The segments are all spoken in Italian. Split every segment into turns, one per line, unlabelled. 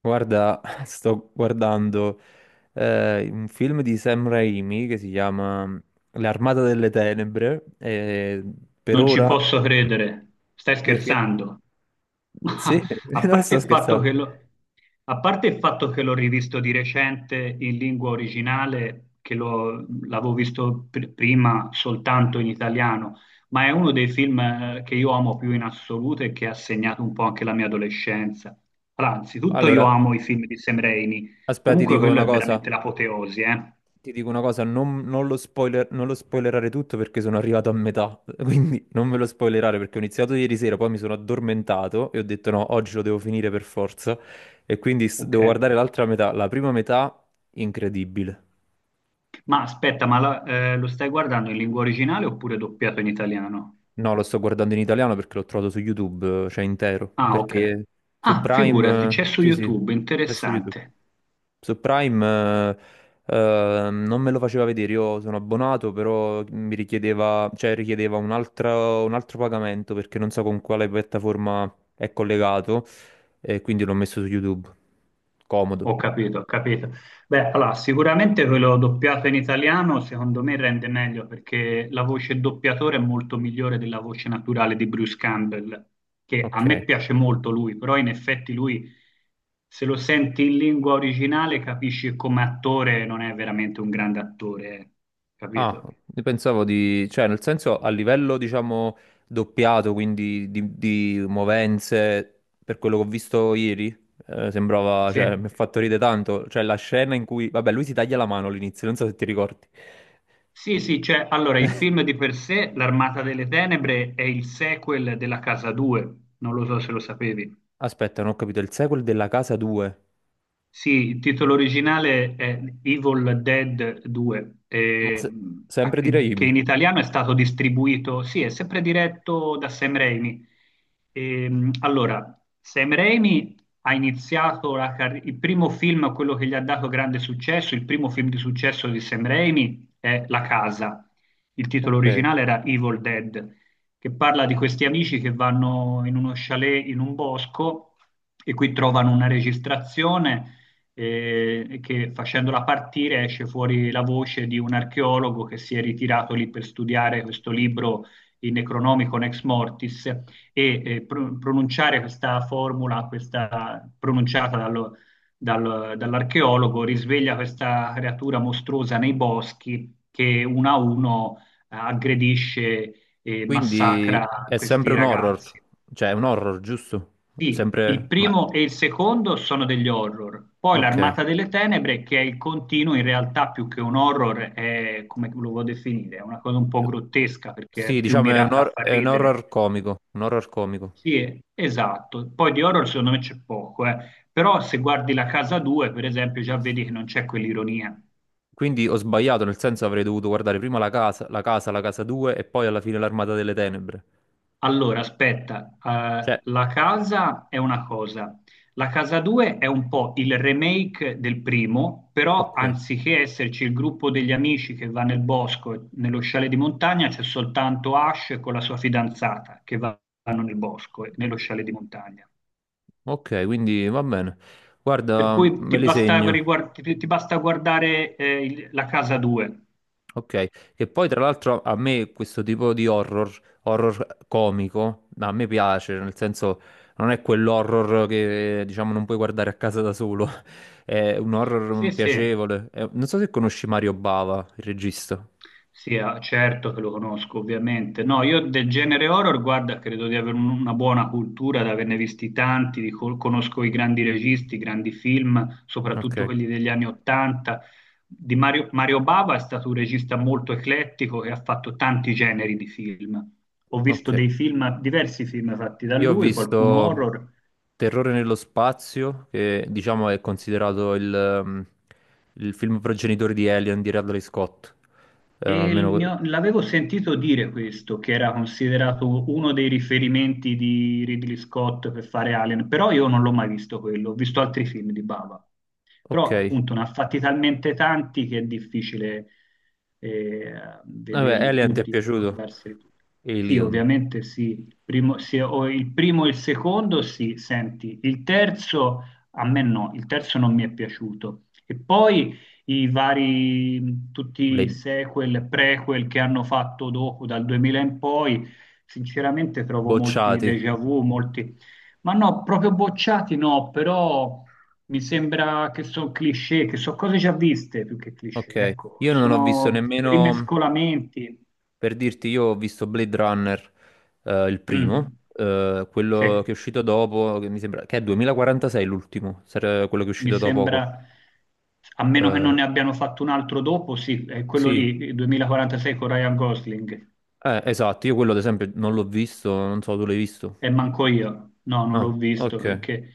Guarda, sto guardando un film di Sam Raimi che si chiama L'Armata delle Tenebre, e per
Non ci
ora,
posso credere, stai
perché...
scherzando. Ma
Sì,
a
non
parte
sto
il fatto
scherzando.
che l'ho a parte il fatto che l'ho rivisto di recente in lingua originale, che l'avevo visto prima soltanto in italiano, ma è uno dei film che io amo più in assoluto e che ha segnato un po' anche la mia adolescenza. Allora, anzitutto io
Allora,
amo i film di Sam Raimi,
aspetta, ti
comunque
dico
quello
una
è
cosa.
veramente l'apoteosi, eh?
Ti dico una cosa, non lo spoilerare tutto perché sono arrivato a metà, quindi non me lo spoilerare perché ho iniziato ieri sera, poi mi sono addormentato e ho detto no, oggi lo devo finire per forza e quindi
Ok.
devo guardare l'altra metà, la prima metà incredibile.
Ma aspetta, ma lo stai guardando in lingua originale oppure doppiato in italiano?
No, lo sto guardando in italiano perché l'ho trovato su YouTube, cioè intero,
Ah, ok.
perché su
Ah, figurati,
Prime,
c'è su
sì sì,
YouTube,
è su YouTube.
interessante.
Su Prime non me lo faceva vedere, io sono abbonato, però mi richiedeva, cioè richiedeva un altro pagamento perché non so con quale piattaforma è collegato, e quindi l'ho messo su YouTube. Comodo.
Ho capito, ho capito. Beh, allora, sicuramente quello doppiato in italiano secondo me rende meglio perché la voce doppiatore è molto migliore della voce naturale di Bruce Campbell, che a
Ok.
me piace molto lui, però in effetti lui, se lo senti in lingua originale, capisci che come attore non è veramente un grande attore,
Ah,
capito?
io pensavo di, cioè nel senso a livello diciamo doppiato, quindi di movenze, per quello che ho visto ieri, sembrava,
Sì.
cioè mi ha fatto ridere tanto, cioè la scena in cui, vabbè lui si taglia la mano all'inizio, non so se ti ricordi.
Sì, sì, cioè, allora il film di per sé, L'Armata delle Tenebre, è il sequel della Casa 2, non lo so se lo sapevi.
Aspetta, non ho capito, il sequel della casa 2,
Sì, il titolo originale è Evil Dead 2,
ma se- sempre di
che
Raimi,
in italiano è stato distribuito, sì, è sempre diretto da Sam Raimi. Allora, Sam Raimi ha iniziato il primo film, quello che gli ha dato grande successo, il primo film di successo di Sam Raimi è La Casa. Il titolo
ok.
originale era Evil Dead, che parla di questi amici che vanno in uno chalet in un bosco e qui trovano una registrazione che facendola partire esce fuori la voce di un archeologo che si è ritirato lì per studiare questo libro, il Necronomicon ex mortis, e pronunciare questa formula, questa pronunciata dall'archeologo, risveglia questa creatura mostruosa nei boschi che uno a uno aggredisce e
Quindi
massacra
è sempre
questi
un horror,
ragazzi.
cioè è un horror, giusto?
Sì, il
Sempre, ma
primo e il secondo sono degli horror, poi
ok.
l'Armata delle Tenebre, che è il continuo, in realtà più che un horror, è come lo vuoi definire, è una cosa un po' grottesca perché è
Sì,
più
diciamo è un,
mirata a far
è un
ridere.
horror comico, un horror comico.
Sì, esatto. Poi di horror secondo me c'è poco, eh. Però se guardi La Casa 2, per esempio, già vedi che non c'è quell'ironia.
Quindi ho sbagliato, nel senso avrei dovuto guardare prima la casa, la casa 2 e poi alla fine l'Armata delle Tenebre.
Allora, aspetta,
Cioè,
la casa è una cosa, la casa 2 è un po' il remake del primo, però
ok,
anziché esserci il gruppo degli amici che va nel bosco, e nello scialle di montagna, c'è soltanto Ash con la sua fidanzata che vanno nel bosco, e nello scialle di montagna.
ok, quindi va bene.
Per
Guarda,
cui
me
ti
li
basta,
segno.
ti basta guardare la casa 2.
Ok, che poi tra l'altro a me questo tipo di horror, horror comico, ma a me piace, nel senso non è quell'horror che diciamo non puoi guardare a casa da solo, è un
Sì,
horror
sì,
piacevole. Non so se conosci Mario Bava, il regista.
Sì, ah, certo che lo conosco, ovviamente. No, io del genere horror, guarda, credo di avere una buona cultura, di averne visti tanti, conosco i grandi registi, i grandi film,
Ok.
soprattutto quelli degli anni Ottanta. Di Mario, Mario Bava è stato un regista molto eclettico e ha fatto tanti generi di film. Ho
Ok,
visto dei film, diversi film fatti da
io ho
lui, qualcuno
visto
horror.
Terrore nello spazio, che diciamo è considerato il film progenitore di Alien di Radley Scott.
E
Almeno...
l'avevo sentito dire questo, che era considerato uno dei riferimenti di Ridley Scott per fare Alien, però io non l'ho mai visto quello, ho visto altri film di Baba però
Ok,
appunto ne ha fatti talmente tanti che è difficile eh,
vabbè,
vederli
Alien ti è
tutti,
piaciuto?
ricordarseli tutti. Sì,
Alien,
ovviamente sì, il primo, se ho il primo e il secondo sì, senti, il terzo a me no, il terzo non mi è piaciuto. E poi i vari, tutti i
le
sequel, prequel che hanno fatto dopo dal 2000 in poi, sinceramente trovo molti
bocciati.
déjà vu, molti, ma no, proprio bocciati no, però mi sembra che sono cliché, che sono cose già viste più che cliché,
Ok,
ecco,
io non ho visto
sono
nemmeno,
rimescolamenti.
per dirti, io ho visto Blade Runner, il primo,
Mm, sì,
quello che è uscito dopo, che mi sembra, che è 2046 l'ultimo, quello che è
mi
uscito da poco.
sembra, a meno che non
Eh,
ne abbiano fatto un altro dopo, sì, è quello
sì,
lì, il 2046 con Ryan Gosling,
esatto, io quello ad esempio non l'ho visto, non so, tu l'hai visto?
e manco io, no, non
Ah,
l'ho visto
ok.
perché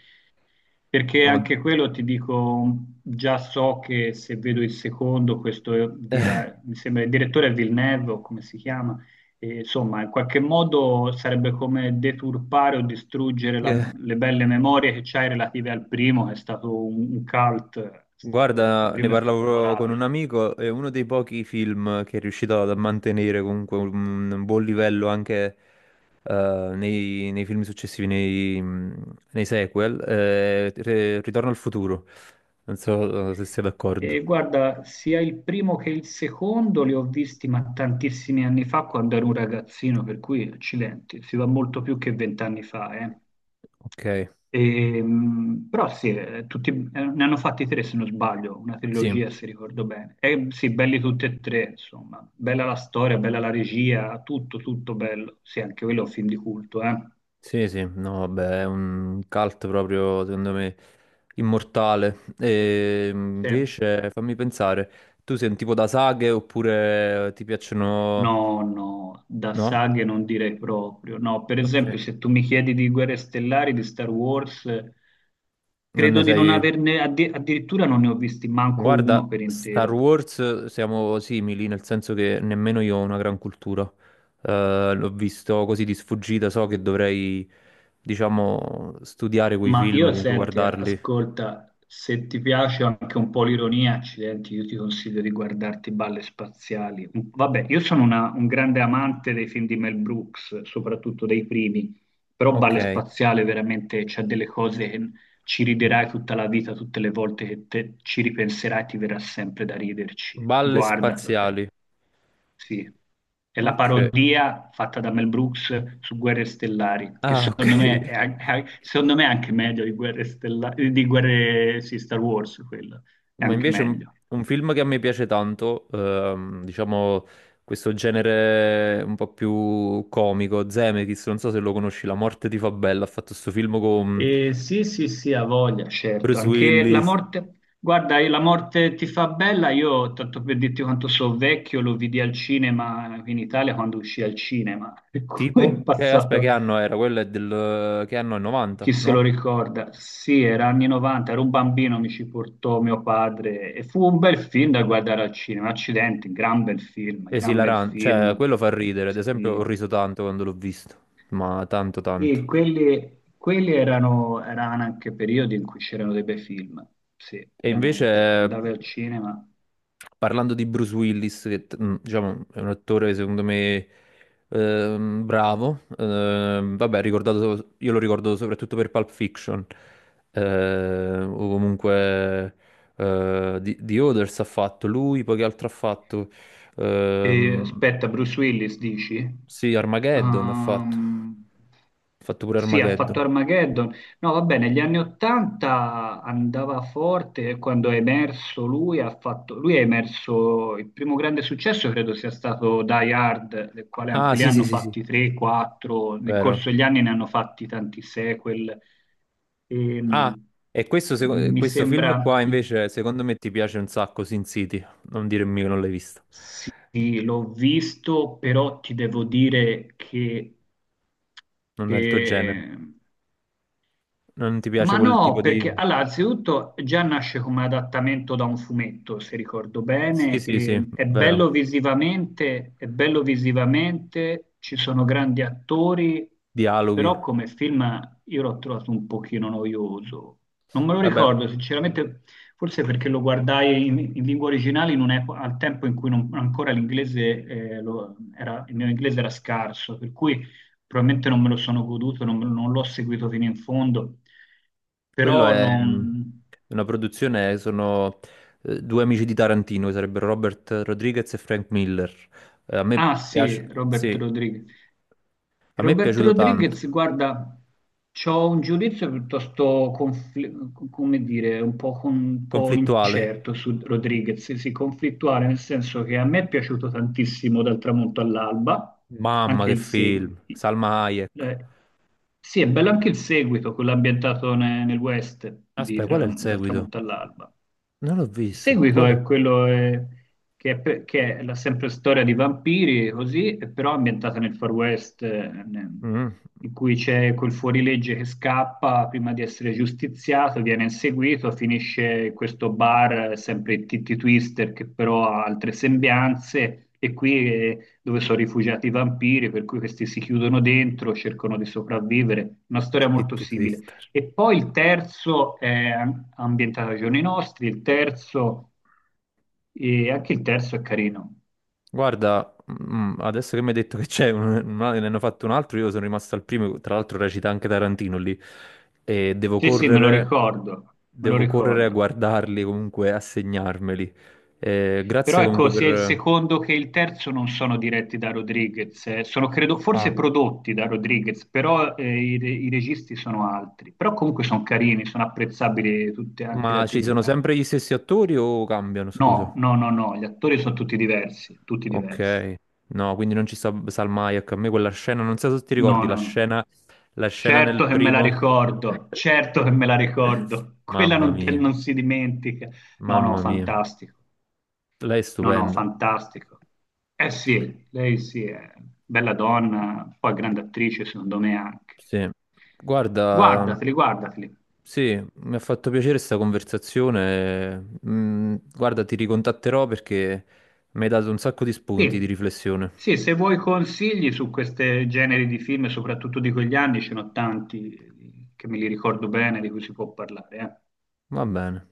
perché
No,
anche quello ti dico, già so che se vedo il secondo, questo dirà, mi sembra il direttore è Villeneuve, o come si chiama, e, insomma, in qualche modo sarebbe come deturpare o distruggere le belle memorie che c'hai relative al primo, che è stato un cult, il
guarda, ne
primo è stato
parlavo con un
memorabile.
amico, è uno dei pochi film che è riuscito a mantenere comunque un buon livello anche nei film successivi, nei sequel. Ritorno al futuro. Non so se sei d'accordo.
E guarda, sia il primo che il secondo li ho visti ma tantissimi anni fa quando ero un ragazzino, per cui accidenti, si va molto più che vent'anni fa, eh.
Ok,
Però sì, tutti, ne hanno fatti tre se non sbaglio, una
sì.
trilogia se ricordo bene. E sì, belli tutti e tre, insomma. Bella la storia, bella la regia, tutto, tutto bello. Sì, anche quello è un film di culto, eh.
Sì, sì, no, vabbè, è un cult proprio, secondo me, immortale. E
Sì.
invece, fammi pensare, tu sei un tipo da saghe oppure ti piacciono...
No, no, da
No?
saghe non direi proprio. No, per
Ok,
esempio, se tu mi chiedi di Guerre Stellari, di Star Wars,
non
credo
ne
di non
sai...
averne, addirittura non ne ho visti manco
Guarda,
uno per
Star
intero.
Wars siamo simili, nel senso che nemmeno io ho una gran cultura. L'ho visto così di sfuggita, so che dovrei, diciamo, studiare quei
Ma
film,
io
comunque
senti,
guardarli.
ascolta, se ti piace anche un po' l'ironia, accidenti, io ti consiglio di guardarti Balle Spaziali. Vabbè, io sono un grande amante dei film di Mel Brooks, soprattutto dei primi, però Balle
Ok,
Spaziale veramente c'ha delle cose che ci riderai tutta la vita, tutte le volte che ci ripenserai, ti verrà sempre da riderci.
balle
Guardatelo.
spaziali.
Sì, è la
Ok.
parodia fatta da Mel Brooks su Guerre Stellari, che
Ah, ok.
secondo me è, secondo me è anche meglio di Guerre Stellari, di Guerre, sì, Star Wars, quello è
Ma
anche
invece
meglio.
un film che a me piace tanto, diciamo questo genere un po' più comico, Zemeckis, non so se lo conosci, La morte ti fa bella, ha fatto questo film con
E sì, sì, sì, ha voglia, certo.
Bruce
Anche la
Willis,
morte, guarda, la morte ti fa bella, io tanto per dirti quanto so vecchio, lo vidi al cinema in Italia quando uscì al cinema, per cui
tipo,
è
che aspetta,
passato.
che anno era? Quello è del, che anno è 90,
Chi se
no?
lo ricorda? Sì, era anni 90, ero un bambino, mi ci portò mio padre e fu un bel film da guardare al cinema. Accidenti, gran bel film, gran bel
Esilarante, cioè
film.
quello fa ridere, ad esempio ho
Sì.
riso tanto quando l'ho visto, ma tanto tanto.
E quelli, quelli erano, erano anche periodi in cui c'erano dei bei film. Sì,
E invece
veramente. Andavi al cinema
parlando di Bruce Willis, che diciamo, è un attore secondo me bravo, vabbè, io lo ricordo soprattutto per Pulp Fiction, o comunque The Others ha fatto lui, poi che altro ha fatto?
e
Ehm,
aspetta, Bruce Willis dici?
sì, Armageddon
Ehm,
ha fatto pure
Sì, ha
Armageddon.
fatto Armageddon. No, va bene, negli anni Ottanta andava forte e quando è emerso lui, ha fatto, lui è emerso, il primo grande successo credo sia stato Die Hard, del quale
Ah,
anche lì
sì, sì,
hanno
sì, sì,
fatti 3, 4, nel
vero.
corso degli anni ne hanno fatti tanti sequel.
Ah,
Ehm,
e questo,
Mi
questo film
sembra,
qua invece secondo me ti piace un sacco, Sin City. Non dirmi che non l'hai visto.
sì, l'ho visto, però ti devo dire che
Non è
che
il tuo genere.
ehm,
Non ti piace
ma
quel
no,
tipo di...
perché allora, anzitutto già nasce come adattamento da un fumetto, se ricordo
Sì,
bene,
sì, sì,
e
vero.
è bello visivamente, ci sono grandi attori,
Dialoghi.
però come film io l'ho trovato un pochino noioso. Non me lo
Vabbè,
ricordo, sinceramente, forse perché lo guardai in lingua originale in al tempo in cui ancora l'inglese, era, il mio inglese era scarso, per cui probabilmente non me lo sono goduto, non l'ho seguito fino in fondo,
quello
però
è
non...
una produzione, sono due amici di Tarantino, che sarebbero Robert Rodriguez e Frank Miller. A me
Ah
piace...
sì, Robert
Sì,
Rodriguez.
a me è
Robert
piaciuto tanto.
Rodriguez, guarda, ho un giudizio piuttosto, come dire, un po', un po'
Conflittuale.
incerto su Rodriguez, sì, sì, conflittuale, nel senso che a me è piaciuto tantissimo dal tramonto all'alba,
Mamma
anche
che
il seguito.
film. Salma Hayek.
Eh, sì, è bello anche il seguito, quello ambientato nel, West di
Aspetta, qual è il
dal
seguito?
tramonto all'alba.
Non l'ho
Il
visto.
seguito
Qual è?
è quello che, è, che è la sempre storia di vampiri, così, e però ambientata nel Far West,
Mm.
in cui c'è quel fuorilegge che scappa prima di essere giustiziato, viene inseguito, finisce in questo bar, sempre il Titty Twister, che però ha altre sembianze, e qui dove sono rifugiati i vampiri, per cui questi si chiudono dentro, cercano di sopravvivere. Una storia molto
Titty
simile.
Twister.
E poi il terzo è ambientato ai giorni nostri, il terzo, e anche il terzo è carino.
Guarda, mm, adesso che mi hai detto che c'è, ne hanno fatto un altro, io sono rimasto al primo, tra l'altro recita anche Tarantino lì, e
Sì, sì, me lo ricordo, me lo
devo correre a
ricordo.
guardarli comunque, a segnarmeli.
Però
Grazie comunque
ecco, sia il
per...
secondo che il terzo non sono diretti da Rodriguez, sono credo
Ah,
forse prodotti da Rodriguez, però i, i registi sono altri. Però comunque sono carini, sono apprezzabili tutti, anche gli
ma
altri
ci sono
due, eh.
sempre gli stessi attori o cambiano, scusa?
No, no, no, no, gli attori sono tutti diversi, tutti
Ok,
diversi.
no, quindi non ci sta Salmayak. A me quella scena, non so se ti
No,
ricordi
no, no.
la scena nel
Certo che me la
primo.
ricordo, certo che me la ricordo. Quella
Mamma
non,
mia,
non si dimentica. No, no,
mamma mia,
fantastico.
lei è
No, no,
stupenda.
fantastico. Eh sì, lei sì, è bella donna, poi grande attrice secondo me anche.
Sì, guarda,
Guardateli, guardateli.
sì, mi ha fatto piacere questa conversazione. Mm, guarda, ti ricontatterò perché mi hai dato un sacco di spunti di
Sì,
riflessione.
sì, se vuoi consigli su questi generi di film, soprattutto di quegli anni, ce ne ho tanti che me li ricordo bene, di cui si può parlare, eh.
Va bene.